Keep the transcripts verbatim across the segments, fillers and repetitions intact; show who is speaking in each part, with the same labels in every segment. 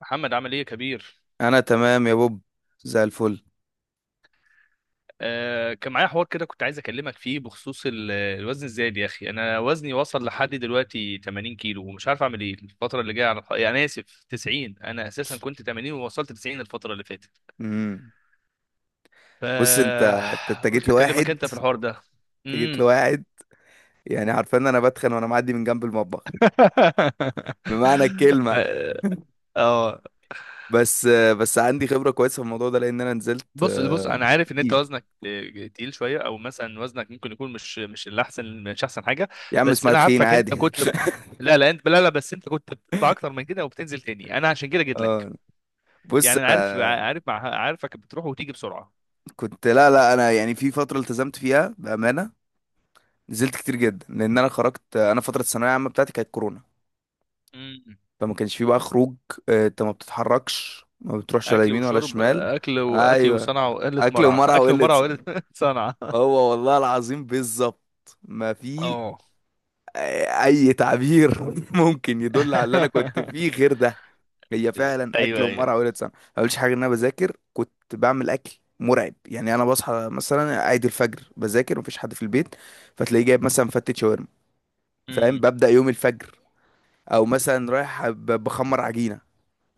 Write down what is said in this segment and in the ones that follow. Speaker 1: محمد عامل ايه يا كبير؟
Speaker 2: انا تمام يا بوب، زي الفل.
Speaker 1: آه، كان معايا حوار كده كنت عايز اكلمك فيه بخصوص ال- الوزن الزايد يا اخي. انا وزني وصل لحد دلوقتي ثمانين كيلو ومش عارف اعمل ايه الفتره اللي جايه، على يعني انا اسف، تسعين. انا اساسا كنت ثمانين ووصلت تسعين الفتره اللي فاتت.
Speaker 2: امم.
Speaker 1: ف
Speaker 2: بص، انت انت أنت جيت
Speaker 1: قلت اكلمك
Speaker 2: لواحد.
Speaker 1: انت في الحوار ده.
Speaker 2: انت جيت
Speaker 1: امم.
Speaker 2: لواحد. يعني عارفين إن انا بتخن وانا معدي من جنب المطبخ، بمعنى
Speaker 1: ف...
Speaker 2: الكلمه.
Speaker 1: اه.
Speaker 2: بس بس عندي خبره كويسه في الموضوع ده لان انا نزلت
Speaker 1: بص بص،
Speaker 2: آه،
Speaker 1: انا عارف ان انت
Speaker 2: كتير.
Speaker 1: وزنك آه، تقيل شويه، او مثلا وزنك ممكن يكون مش مش الاحسن، مش احسن حاجه.
Speaker 2: يا عم
Speaker 1: بس
Speaker 2: اسمها
Speaker 1: انا
Speaker 2: تخين
Speaker 1: عارفك انت
Speaker 2: عادي.
Speaker 1: كنت ب- لا لا، انت، لا لا، بس انت كنت بتطلع اكتر من كده وبتنزل تاني. انا عشان كده جيت لك.
Speaker 2: اه، بص،
Speaker 1: يعني انا عارف
Speaker 2: انا
Speaker 1: عارف مع- عارفك بتروح وتيجي بسرعه.
Speaker 2: كنت. لا لا، انا يعني في فتره التزمت فيها بامانه، نزلت كتير جدا. لان انا خرجت، انا فتره الثانويه العامه بتاعتي كانت كورونا،
Speaker 1: مم.
Speaker 2: فما كانش فيه بقى خروج. آه، انت ما بتتحركش، ما بتروحش ولا
Speaker 1: اكل
Speaker 2: يمين ولا
Speaker 1: وشرب،
Speaker 2: شمال.
Speaker 1: اكل واكل
Speaker 2: ايوه،
Speaker 1: وصنعه وقله
Speaker 2: اكل
Speaker 1: مرعى.
Speaker 2: ومرعى
Speaker 1: اكل
Speaker 2: وقلة
Speaker 1: ومرعى
Speaker 2: س-
Speaker 1: وقله صنعه.
Speaker 2: هو والله العظيم بالظبط ما في
Speaker 1: اه.
Speaker 2: آه، اي تعبير ممكن يدل على اللي انا كنت فيه غير ده. هي فعلا اكل
Speaker 1: ايوه
Speaker 2: ومرعى
Speaker 1: ايوه.
Speaker 2: وقلة سمع. ما قلتش حاجه ان انا بذاكر كنت بعمل اكل مرعب. يعني انا بصحى مثلا عيد الفجر بذاكر، مفيش حد في البيت، فتلاقيه جايب مثلا فتة شاورما، فاهم؟
Speaker 1: مم.
Speaker 2: ببدأ يوم الفجر، او مثلا رايح ب- بخمر عجينة.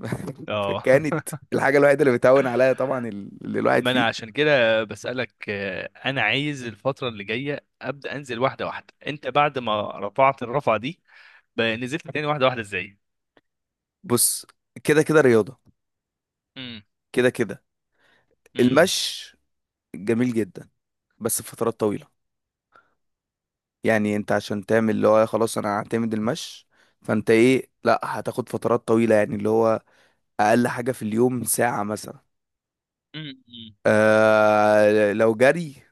Speaker 1: اه.
Speaker 2: فكانت الحاجة الوحيدة اللي بتهون عليا طبعا اللي الواحد
Speaker 1: ما انا
Speaker 2: فيه.
Speaker 1: عشان كده بسألك. آه، انا عايز الفترة اللي جاية ابدأ انزل واحدة واحدة. انت بعد ما رفعت الرفعة دي ب- نزلت تاني واحدة واحدة ازاي؟
Speaker 2: بص، كده كده رياضة،
Speaker 1: امم.
Speaker 2: كده كده
Speaker 1: امم.
Speaker 2: المشي، جميل جدا، بس فترات طويلة. يعني انت عشان تعمل اللي هو خلاص انا هعتمد المشي، فانت ايه، لا، هتاخد فترات طويلة، يعني اللي هو اقل حاجة في اليوم ساعة مثلا.
Speaker 1: امم.
Speaker 2: آه لو جري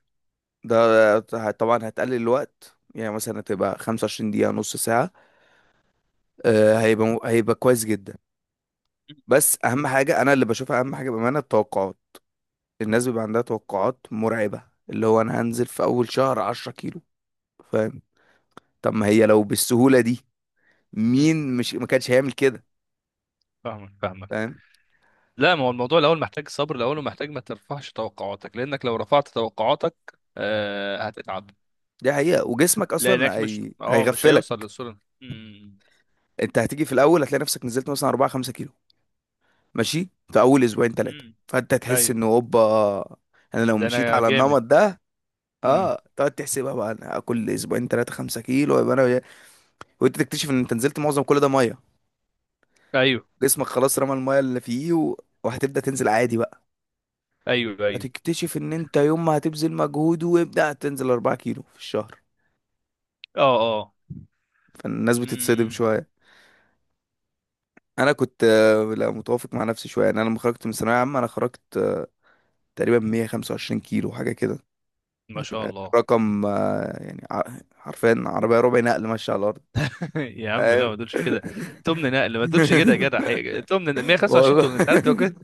Speaker 2: ده طبعا هتقلل الوقت، يعني مثلا هتبقى 25 دقيقة، نص ساعة. آه هيبقى هيبقى كويس جدا. بس اهم حاجه انا اللي بشوفها، اهم حاجه بامانه، التوقعات. الناس بيبقى عندها توقعات مرعبه، اللي هو انا هنزل في اول شهر 10 كيلو، فاهم؟ طب ما هي لو بالسهوله دي
Speaker 1: امم.
Speaker 2: مين مش ما كانش هيعمل كده؟
Speaker 1: فاهمك فاهمك.
Speaker 2: فاهم.
Speaker 1: لا، ما هو الموضوع الاول محتاج صبر الاول، ومحتاج ما ترفعش توقعاتك، لانك لو رفعت توقعاتك آه هتتعب.
Speaker 2: دي حقيقه، وجسمك اصلا
Speaker 1: لانك مش
Speaker 2: هي...
Speaker 1: اه مش هيوصل
Speaker 2: هيغفلك.
Speaker 1: للصورة. امم.
Speaker 2: انت هتيجي في الاول هتلاقي نفسك نزلت مثلا اربعة خمسة كيلو، ماشي في اول اسبوعين ثلاثه،
Speaker 1: امم.
Speaker 2: فانت تحس
Speaker 1: ايوه.
Speaker 2: انه اوبا، انا لو
Speaker 1: ده
Speaker 2: مشيت
Speaker 1: انا
Speaker 2: على
Speaker 1: جامد.
Speaker 2: النمط ده
Speaker 1: امم.
Speaker 2: اه تقعد تحسبها بقى، انا كل اسبوعين ثلاثه 5 كيلو يبقى انا. وانت تكتشف ان انت نزلت معظم كل ده ميه.
Speaker 1: ايوه
Speaker 2: جسمك خلاص رمى المايه اللي فيه و... وهتبدأ تنزل عادي بقى.
Speaker 1: ايوه ايوه.
Speaker 2: هتكتشف ان انت يوم ما هتبذل مجهود وابدأ تنزل 4 كيلو في الشهر.
Speaker 1: اه اه.
Speaker 2: فالناس بتتصدم
Speaker 1: امم.
Speaker 2: شوية. انا كنت آه، لا متوافق مع نفسي شوية. يعني انا لما خرجت من ثانوية عامة انا خرجت آه، تقريبا 125 كيلو حاجة كده.
Speaker 1: ما شاء الله.
Speaker 2: رقم آه، يعني ع- حرفيا عربية ربع نقل ماشية على الارض،
Speaker 1: يا عم لا،
Speaker 2: فاهم؟
Speaker 1: ما تقولش كده. تمن نقل، ما تقولش كده يا جدع حقيقة. تمن مية وخمسة وعشرين،
Speaker 2: والله،
Speaker 1: تمن، انت عارف لو كده.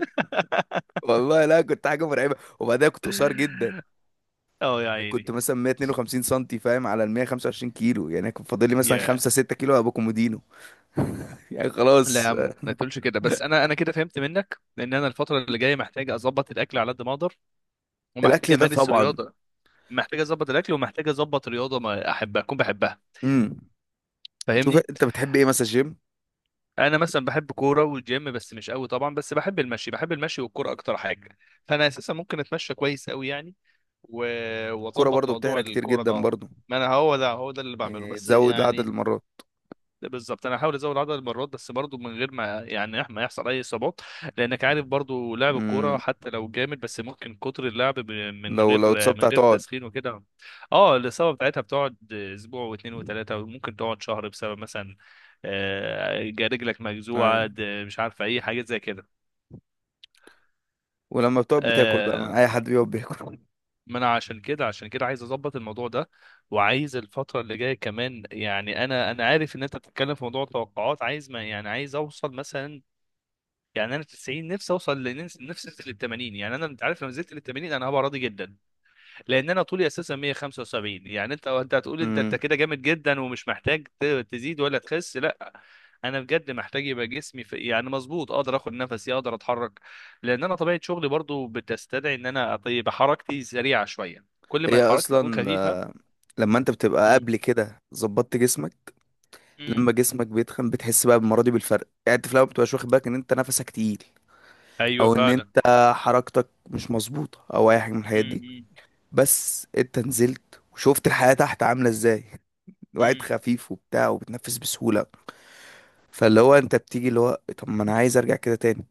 Speaker 2: والله، لا كنت حاجة مرعبة. وبعدها كنت قصير جدا،
Speaker 1: اه يا
Speaker 2: كنت
Speaker 1: عيني.
Speaker 2: مثلا 152 سنتي، فاهم على ال 125 كيلو؟ يعني كان فاضل لي مثلا
Speaker 1: يا،
Speaker 2: خمسة ستة كيلو ابقى كومودينو. يعني
Speaker 1: لا يا
Speaker 2: خلاص.
Speaker 1: عم ما تقولش كده. بس انا انا كده فهمت منك. لان انا الفتره اللي جايه محتاج اظبط الاكل على قد ما اقدر، ومحتاج
Speaker 2: الاكل ده
Speaker 1: امارس
Speaker 2: طبعا.
Speaker 1: رياضه. محتاج اظبط الاكل ومحتاج اظبط رياضه ما احبها، اكون بحبها.
Speaker 2: امم. شوف
Speaker 1: فاهمني؟
Speaker 2: انت بتحب ايه، مثلا جيم؟
Speaker 1: انا مثلا بحب كوره والجيم بس مش قوي طبعا، بس بحب المشي. بحب المشي والكوره اكتر حاجه. فانا اساسا ممكن اتمشى كويس قوي يعني. و-
Speaker 2: كرة
Speaker 1: واظبط
Speaker 2: برضو
Speaker 1: موضوع
Speaker 2: بتحرق كتير
Speaker 1: الكوره ده.
Speaker 2: جدا
Speaker 1: اه،
Speaker 2: برضو.
Speaker 1: ما انا هو ده هو ده اللي بعمله
Speaker 2: إيه،
Speaker 1: بس
Speaker 2: تزود عدد
Speaker 1: يعني.
Speaker 2: المرات.
Speaker 1: ده بالظبط، انا هحاول ازود عدد المرات بس برضو من غير ما يعني ما يحصل اي اصابات. لانك عارف برضو لعب الكوره
Speaker 2: امم.
Speaker 1: حتى لو جامد بس ممكن كتر اللعب ب- من
Speaker 2: لو لو
Speaker 1: غير،
Speaker 2: اتصبت
Speaker 1: من غير
Speaker 2: هتقعد.
Speaker 1: تسخين وكده. اه، الاصابه بتاعتها بتقعد اسبوع واثنين وثلاثه، وممكن تقعد شهر بسبب مثلا آه، رجلك مجزوعه،
Speaker 2: ايوه،
Speaker 1: د- مش عارف اي حاجات زي كده.
Speaker 2: ولما بتقعد بتاكل بقى، من
Speaker 1: آه،
Speaker 2: اي حد بيقعد بياكل.
Speaker 1: ما انا عشان كده، عشان كده عايز اظبط الموضوع ده. وعايز الفتره اللي جايه كمان يعني، انا انا عارف ان انت بتتكلم في موضوع التوقعات، عايز ما يعني عايز اوصل مثلا يعني انا تسعين، نفسي اوصل لنفسي، نفسي انزل لل ثمانين. يعني انا، انت عارف لو نزلت لل ثمانين انا هبقى راضي جدا. لان انا طولي اساسا مية وخمسة وسبعين. يعني انت، انت هتقول انت انت
Speaker 2: امم.
Speaker 1: كده جامد جدا ومش محتاج ت- تزيد ولا تخس، لا. انا بجد محتاج يبقى جسمي في يعني مظبوط، اقدر اخد نفسي، اقدر اتحرك. لان انا طبيعه شغلي برضو بتستدعي ان انا أط- يبقى حركتي سريعه شويه، كل ما
Speaker 2: هي
Speaker 1: حركتي تكون
Speaker 2: اصلا آه،
Speaker 1: خفيفه.
Speaker 2: لما انت بتبقى
Speaker 1: مم.
Speaker 2: قبل كده ظبطت جسمك،
Speaker 1: مم.
Speaker 2: لما جسمك بيتخن بتحس بقى بالمرة دي بالفرق. يعني انت في الاول بتبقاش واخد بالك ان انت نفسك تقيل،
Speaker 1: ايوه
Speaker 2: او ان
Speaker 1: فعلا.
Speaker 2: انت حركتك مش مظبوطه، او اي حاجه من الحاجات
Speaker 1: مم.
Speaker 2: دي.
Speaker 1: مم.
Speaker 2: بس انت نزلت وشفت الحياه تحت عامله ازاي. الواحد
Speaker 1: مم.
Speaker 2: خفيف وبتاع، وبتنفس بسهوله. فاللي هو انت بتيجي اللي هو طب ما انا عايز ارجع كده تاني.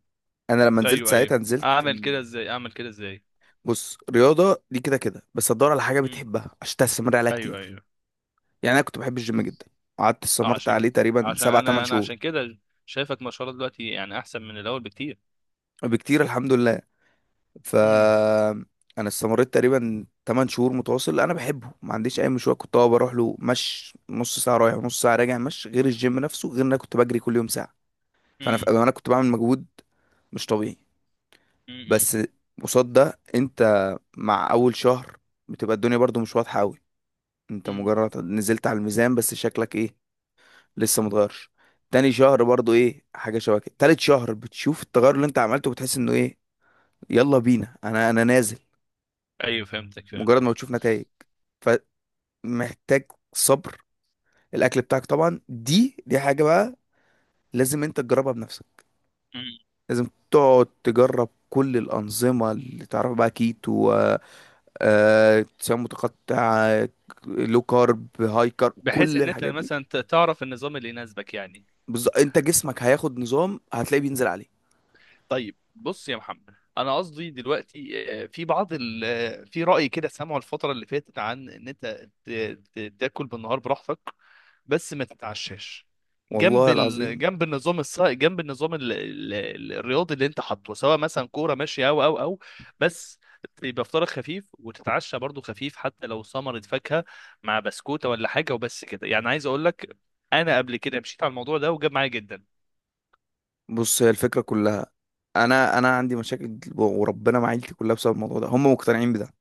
Speaker 2: انا لما نزلت
Speaker 1: ايوه ايوه.
Speaker 2: ساعتها نزلت
Speaker 1: اعمل كده
Speaker 2: مم.
Speaker 1: ازاي؟ اعمل كده ازاي؟
Speaker 2: بص، رياضه دي كده كده، بس تدور على حاجه
Speaker 1: مم.
Speaker 2: بتحبها عشان تستمر عليها
Speaker 1: ايوه
Speaker 2: كتير.
Speaker 1: ايوه.
Speaker 2: يعني انا كنت بحب الجيم جدا، قعدت
Speaker 1: آه،
Speaker 2: استمرت
Speaker 1: عشان،
Speaker 2: عليه تقريبا
Speaker 1: عشان
Speaker 2: سبع تمن
Speaker 1: انا انا
Speaker 2: شهور.
Speaker 1: عشان كده شايفك ما شاء الله دلوقتي يعني احسن من الاول بكتير.
Speaker 2: بكتير، الحمد لله.
Speaker 1: مم.
Speaker 2: فانا استمريت تقريبا 8 شهور متواصل، انا بحبه، ما عنديش اي مشوار، كنت اه بروح له مش نص ساعه رايح ونص ساعه راجع، مش غير الجيم نفسه، غير ان انا كنت بجري كل يوم ساعه. فانا في
Speaker 1: امم.
Speaker 2: انا كنت بعمل مجهود مش طبيعي.
Speaker 1: امم.
Speaker 2: بس قصاد ده انت مع اول شهر بتبقى الدنيا برضو مش واضحه قوي. انت
Speaker 1: امم.
Speaker 2: مجرد نزلت على الميزان، بس شكلك ايه، لسه متغيرش. تاني شهر برضو ايه حاجه شبه كده. تالت شهر بتشوف التغير اللي انت عملته، بتحس انه ايه، يلا بينا، انا انا نازل.
Speaker 1: ايوه فهمتك
Speaker 2: مجرد
Speaker 1: فهمتك.
Speaker 2: ما بتشوف نتائج، فمحتاج صبر. الاكل بتاعك طبعا دي دي حاجه بقى، لازم انت تجربها بنفسك.
Speaker 1: امم.
Speaker 2: لازم تقعد تجرب كل الانظمه اللي تعرف، بقى كيتو، آه، صيام متقطع، لو كارب، هاي كارب،
Speaker 1: بحيث
Speaker 2: كل
Speaker 1: ان انت
Speaker 2: الحاجات دي.
Speaker 1: مثلا ت- تعرف النظام اللي يناسبك يعني.
Speaker 2: بز... انت جسمك هياخد نظام هتلاقيه بينزل عليه.
Speaker 1: طيب بص يا محمد، انا قصدي دلوقتي آه، في بعض ال... آه، في رأي كده سامعه الفترة اللي فاتت عن ان انت ت... ت... تاكل بالنهار براحتك بس ما تتعشاش. جنب
Speaker 2: والله
Speaker 1: ال...
Speaker 2: العظيم،
Speaker 1: جنب النظام الص... جنب النظام ال... ال... ال- الرياضي اللي انت حاطه، سواء مثلا كورة ماشية او او او، بس يبقى فطارك خفيف وتتعشى برضو خفيف حتى لو ثمرة فاكهة مع بسكوتة ولا حاجة، وبس كده. يعني عايز اقول لك، انا قبل كده مشيت على الموضوع ده وجاب معايا جدا.
Speaker 2: بص، هي الفكره كلها. انا انا عندي مشاكل وربنا مع عيلتي كلها بسبب الموضوع ده، هم مقتنعين بده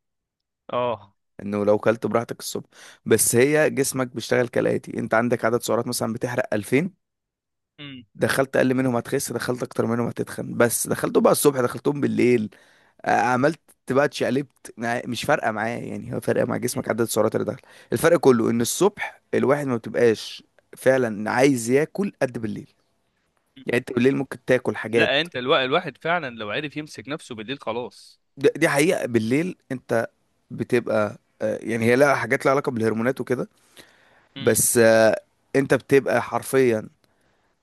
Speaker 1: اه.
Speaker 2: انه لو كلت براحتك الصبح. بس هي جسمك بيشتغل كالاتي: انت عندك عدد سعرات مثلا بتحرق الفين،
Speaker 1: امم.
Speaker 2: دخلت اقل منهم هتخس، دخلت اكتر منهم هتتخن. بس دخلتهم بقى الصبح دخلتهم بالليل، آه، عملت بقى اتشقلبت، مع- مش فارقه معاه، يعني هو فارقه مع جسمك عدد
Speaker 1: إمم.
Speaker 2: السعرات اللي دخل. الفرق كله ان الصبح الواحد ما بتبقاش فعلا عايز ياكل قد بالليل. يعني انت بالليل ممكن تاكل
Speaker 1: لا،
Speaker 2: حاجات،
Speaker 1: انت الوا... الواحد فعلا لو عرف يمسك نفسه بالليل خلاص.
Speaker 2: د- دي حقيقه. بالليل انت بتبقى آه، يعني هي لها حاجات لها علاقه بالهرمونات وكده.
Speaker 1: امم.
Speaker 2: بس آه، انت بتبقى حرفيا،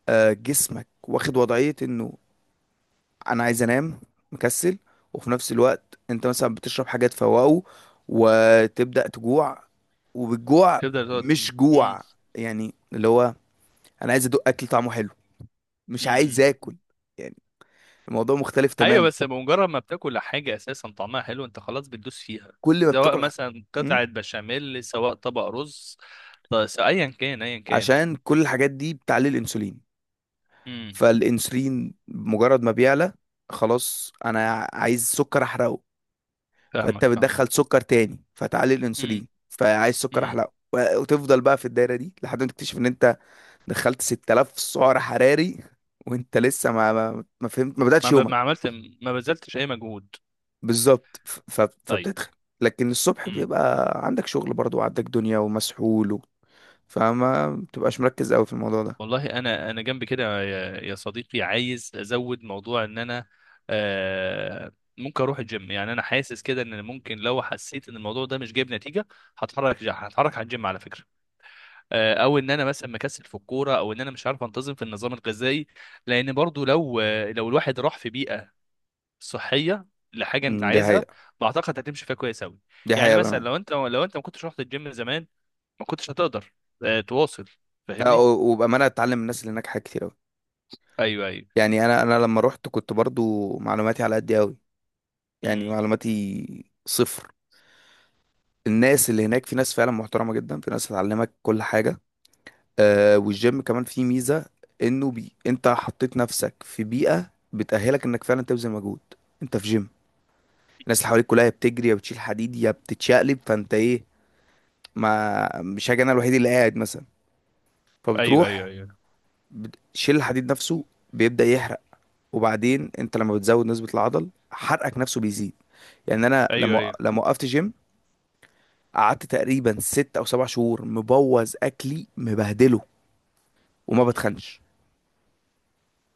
Speaker 2: آه، جسمك واخد وضعية انه انا عايز انام، مكسل. وفي نفس الوقت انت مثلا بتشرب حاجة تفوقه، وتبدأ تجوع. وبالجوع
Speaker 1: تفضل تقعد.
Speaker 2: مش
Speaker 1: امم.
Speaker 2: جوع، يعني اللي هو انا عايز ادوق اكل طعمه حلو، مش عايز
Speaker 1: امم.
Speaker 2: اكل، يعني الموضوع مختلف
Speaker 1: ايوه.
Speaker 2: تماما.
Speaker 1: بس بمجرد ما بتاكل حاجه اساسا طعمها حلو، انت خلاص بتدوس فيها،
Speaker 2: كل ما
Speaker 1: سواء
Speaker 2: بتاكل حاجة،
Speaker 1: مثلا
Speaker 2: م?
Speaker 1: قطعه بشاميل، سواء طبق رز، بس ايا كان، ايا كان.
Speaker 2: عشان كل الحاجات دي بتعلي الانسولين.
Speaker 1: امم.
Speaker 2: فالانسولين مجرد ما بيعلى خلاص انا عايز سكر احرقه، فانت
Speaker 1: فاهمك فاهمك.
Speaker 2: بتدخل سكر تاني، فتعلي
Speaker 1: امم.
Speaker 2: الانسولين، فعايز سكر
Speaker 1: امم.
Speaker 2: احلى. و- وتفضل بقى في الدايره دي لحد ما تكتشف ان انت دخلت ست آلاف سعر حراري، وانت لسه ما ما, ما فهمت، ما بداتش
Speaker 1: ما ب...
Speaker 2: يومك.
Speaker 1: ما عملت، ما بذلتش اي مجهود.
Speaker 2: بالظبط، ف- ف-
Speaker 1: طيب.
Speaker 2: فبتدخل. لكن الصبح بيبقى عندك شغل برضو، وعندك دنيا ومسحول و... فما بتبقاش مركز قوي في الموضوع ده.
Speaker 1: والله انا انا جنب كده يا، يا صديقي، عايز ازود موضوع ان انا آه، ممكن اروح الجيم. يعني انا حاسس كده ان ممكن لو حسيت ان الموضوع ده مش جايب نتيجه هتحرك، هتحرك على الجيم على فكره. آه، او ان انا مثلا مكسل في الكوره، او ان انا مش عارف انتظم في النظام الغذائي. لان برضو لو آه، لو الواحد راح في بيئه صحيه لحاجه انت
Speaker 2: أمم، دي
Speaker 1: عايزها،
Speaker 2: حقيقة.
Speaker 1: بعتقد هتمشي فيها كويس قوي.
Speaker 2: دي
Speaker 1: يعني
Speaker 2: حقيقة
Speaker 1: مثلا
Speaker 2: بأمانة.
Speaker 1: لو انت، لو انت ما كنتش رحت الجيم زمان ما كنتش هتقدر آه، تواصل.
Speaker 2: آه،
Speaker 1: فاهمني؟
Speaker 2: و- وبأمانة اتعلم من الناس اللي هناك حاجات كتير قوي.
Speaker 1: ايوه ايوه.
Speaker 2: يعني انا انا لما رحت كنت برضو معلوماتي على قد قوي، يعني
Speaker 1: مم.
Speaker 2: معلوماتي صفر. الناس اللي هناك في ناس فعلا محترمة جدا، في ناس هتعلمك كل حاجة. آه والجيم كمان فيه ميزة، انه بي انت حطيت نفسك في بيئة بتأهلك انك فعلا تبذل مجهود. انت في جيم، الناس اللي حواليك كلها يا بتجري يا بتشيل حديد يا بتتشقلب، فانت ايه، ما مش هاجي انا الوحيد اللي قاعد مثلا.
Speaker 1: ايوه ايوه
Speaker 2: فبتروح
Speaker 1: ايوه.
Speaker 2: بتشيل الحديد نفسه، بيبدأ يحرق. وبعدين انت لما بتزود نسبة العضل حرقك نفسه بيزيد. يعني انا
Speaker 1: ايوه
Speaker 2: لما
Speaker 1: ايوه.
Speaker 2: لما وقفت جيم، قعدت تقريبا ست او سبع شهور مبوظ اكلي مبهدله وما
Speaker 1: م-
Speaker 2: بتخنش،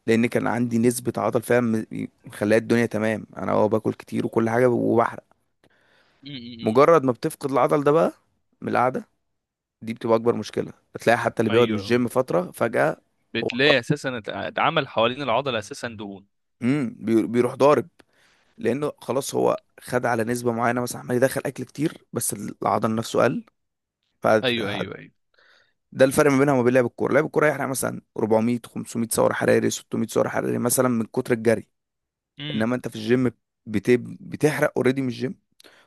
Speaker 2: لان كان عندي نسبة عضل، فاهم؟ مخليها الدنيا تمام، انا اه باكل كتير وكل حاجة وبحرق.
Speaker 1: م-
Speaker 2: مجرد ما بتفقد العضل ده بقى من القعدة دي، بتبقى اكبر مشكلة، بتلاقي حتى اللي
Speaker 1: م.
Speaker 2: بيقعد من
Speaker 1: ايوه.
Speaker 2: الجيم فترة فجأة. هو
Speaker 1: بتلاقي اساسا ات- اتعمل حوالين العضله اساسا دهون.
Speaker 2: امم بي- بيروح ضارب، لانه خلاص هو خد على نسبة معينة مثلا، عمال يدخل اكل كتير بس العضل نفسه قل. ف
Speaker 1: ايوه ايوه ايوه.
Speaker 2: ده الفرق ما بينها وما بين لعب الكوره. لعب الكوره يحرق مثلا اربعمية خمسميه سعر حراري، ستمية سعر حراري مثلا من كتر الجري.
Speaker 1: مم.
Speaker 2: انما انت في الجيم بت... بتحرق اوريدي من الجيم،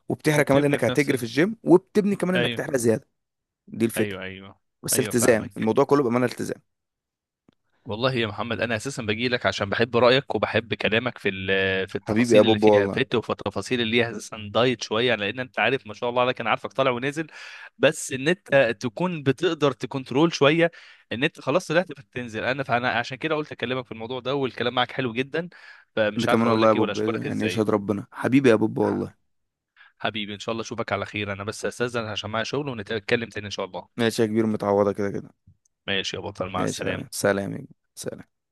Speaker 2: وبتحرق كمان
Speaker 1: وبتبني
Speaker 2: لانك
Speaker 1: في نفس
Speaker 2: هتجري في
Speaker 1: ال...
Speaker 2: الجيم، وبتبني كمان انك
Speaker 1: ايوه
Speaker 2: تحرق زياده. دي الفكره.
Speaker 1: ايوه ايوه.
Speaker 2: بس
Speaker 1: ايوه
Speaker 2: التزام
Speaker 1: فاهمك.
Speaker 2: الموضوع كله بامانه التزام.
Speaker 1: والله يا محمد، انا اساسا باجي لك عشان بحب رايك وبحب كلامك في ال- في
Speaker 2: حبيبي يا
Speaker 1: التفاصيل اللي
Speaker 2: بوب،
Speaker 1: فيها
Speaker 2: والله.
Speaker 1: فت، وفي التفاصيل اللي هي اساسا دايت شويه. لان انت عارف ما شاء الله عليك، انا عارفك طالع ونازل، بس ان انت تكون بتقدر تكنترول شويه. ان انت خلاص طلعت بتنزل انا، فانا عشان كده قلت اكلمك في الموضوع ده، والكلام معاك حلو جدا.
Speaker 2: انت
Speaker 1: فمش عارف
Speaker 2: كمان
Speaker 1: اقول
Speaker 2: والله يا
Speaker 1: لك ايه ولا
Speaker 2: بوب،
Speaker 1: اشكرك
Speaker 2: يعني
Speaker 1: ازاي.
Speaker 2: يشهد ربنا، حبيبي يا بوب،
Speaker 1: ح-
Speaker 2: والله.
Speaker 1: حبيبي، ان شاء الله اشوفك على خير. انا بس استاذن عشان معايا شغل، ونتكلم تاني ان شاء الله.
Speaker 2: ماشي يا كبير، متعوضه كده كده.
Speaker 1: ماشي يا بطل، مع
Speaker 2: ماشي يا حبيبي.
Speaker 1: السلامه.
Speaker 2: سلام يا كبير. سلام.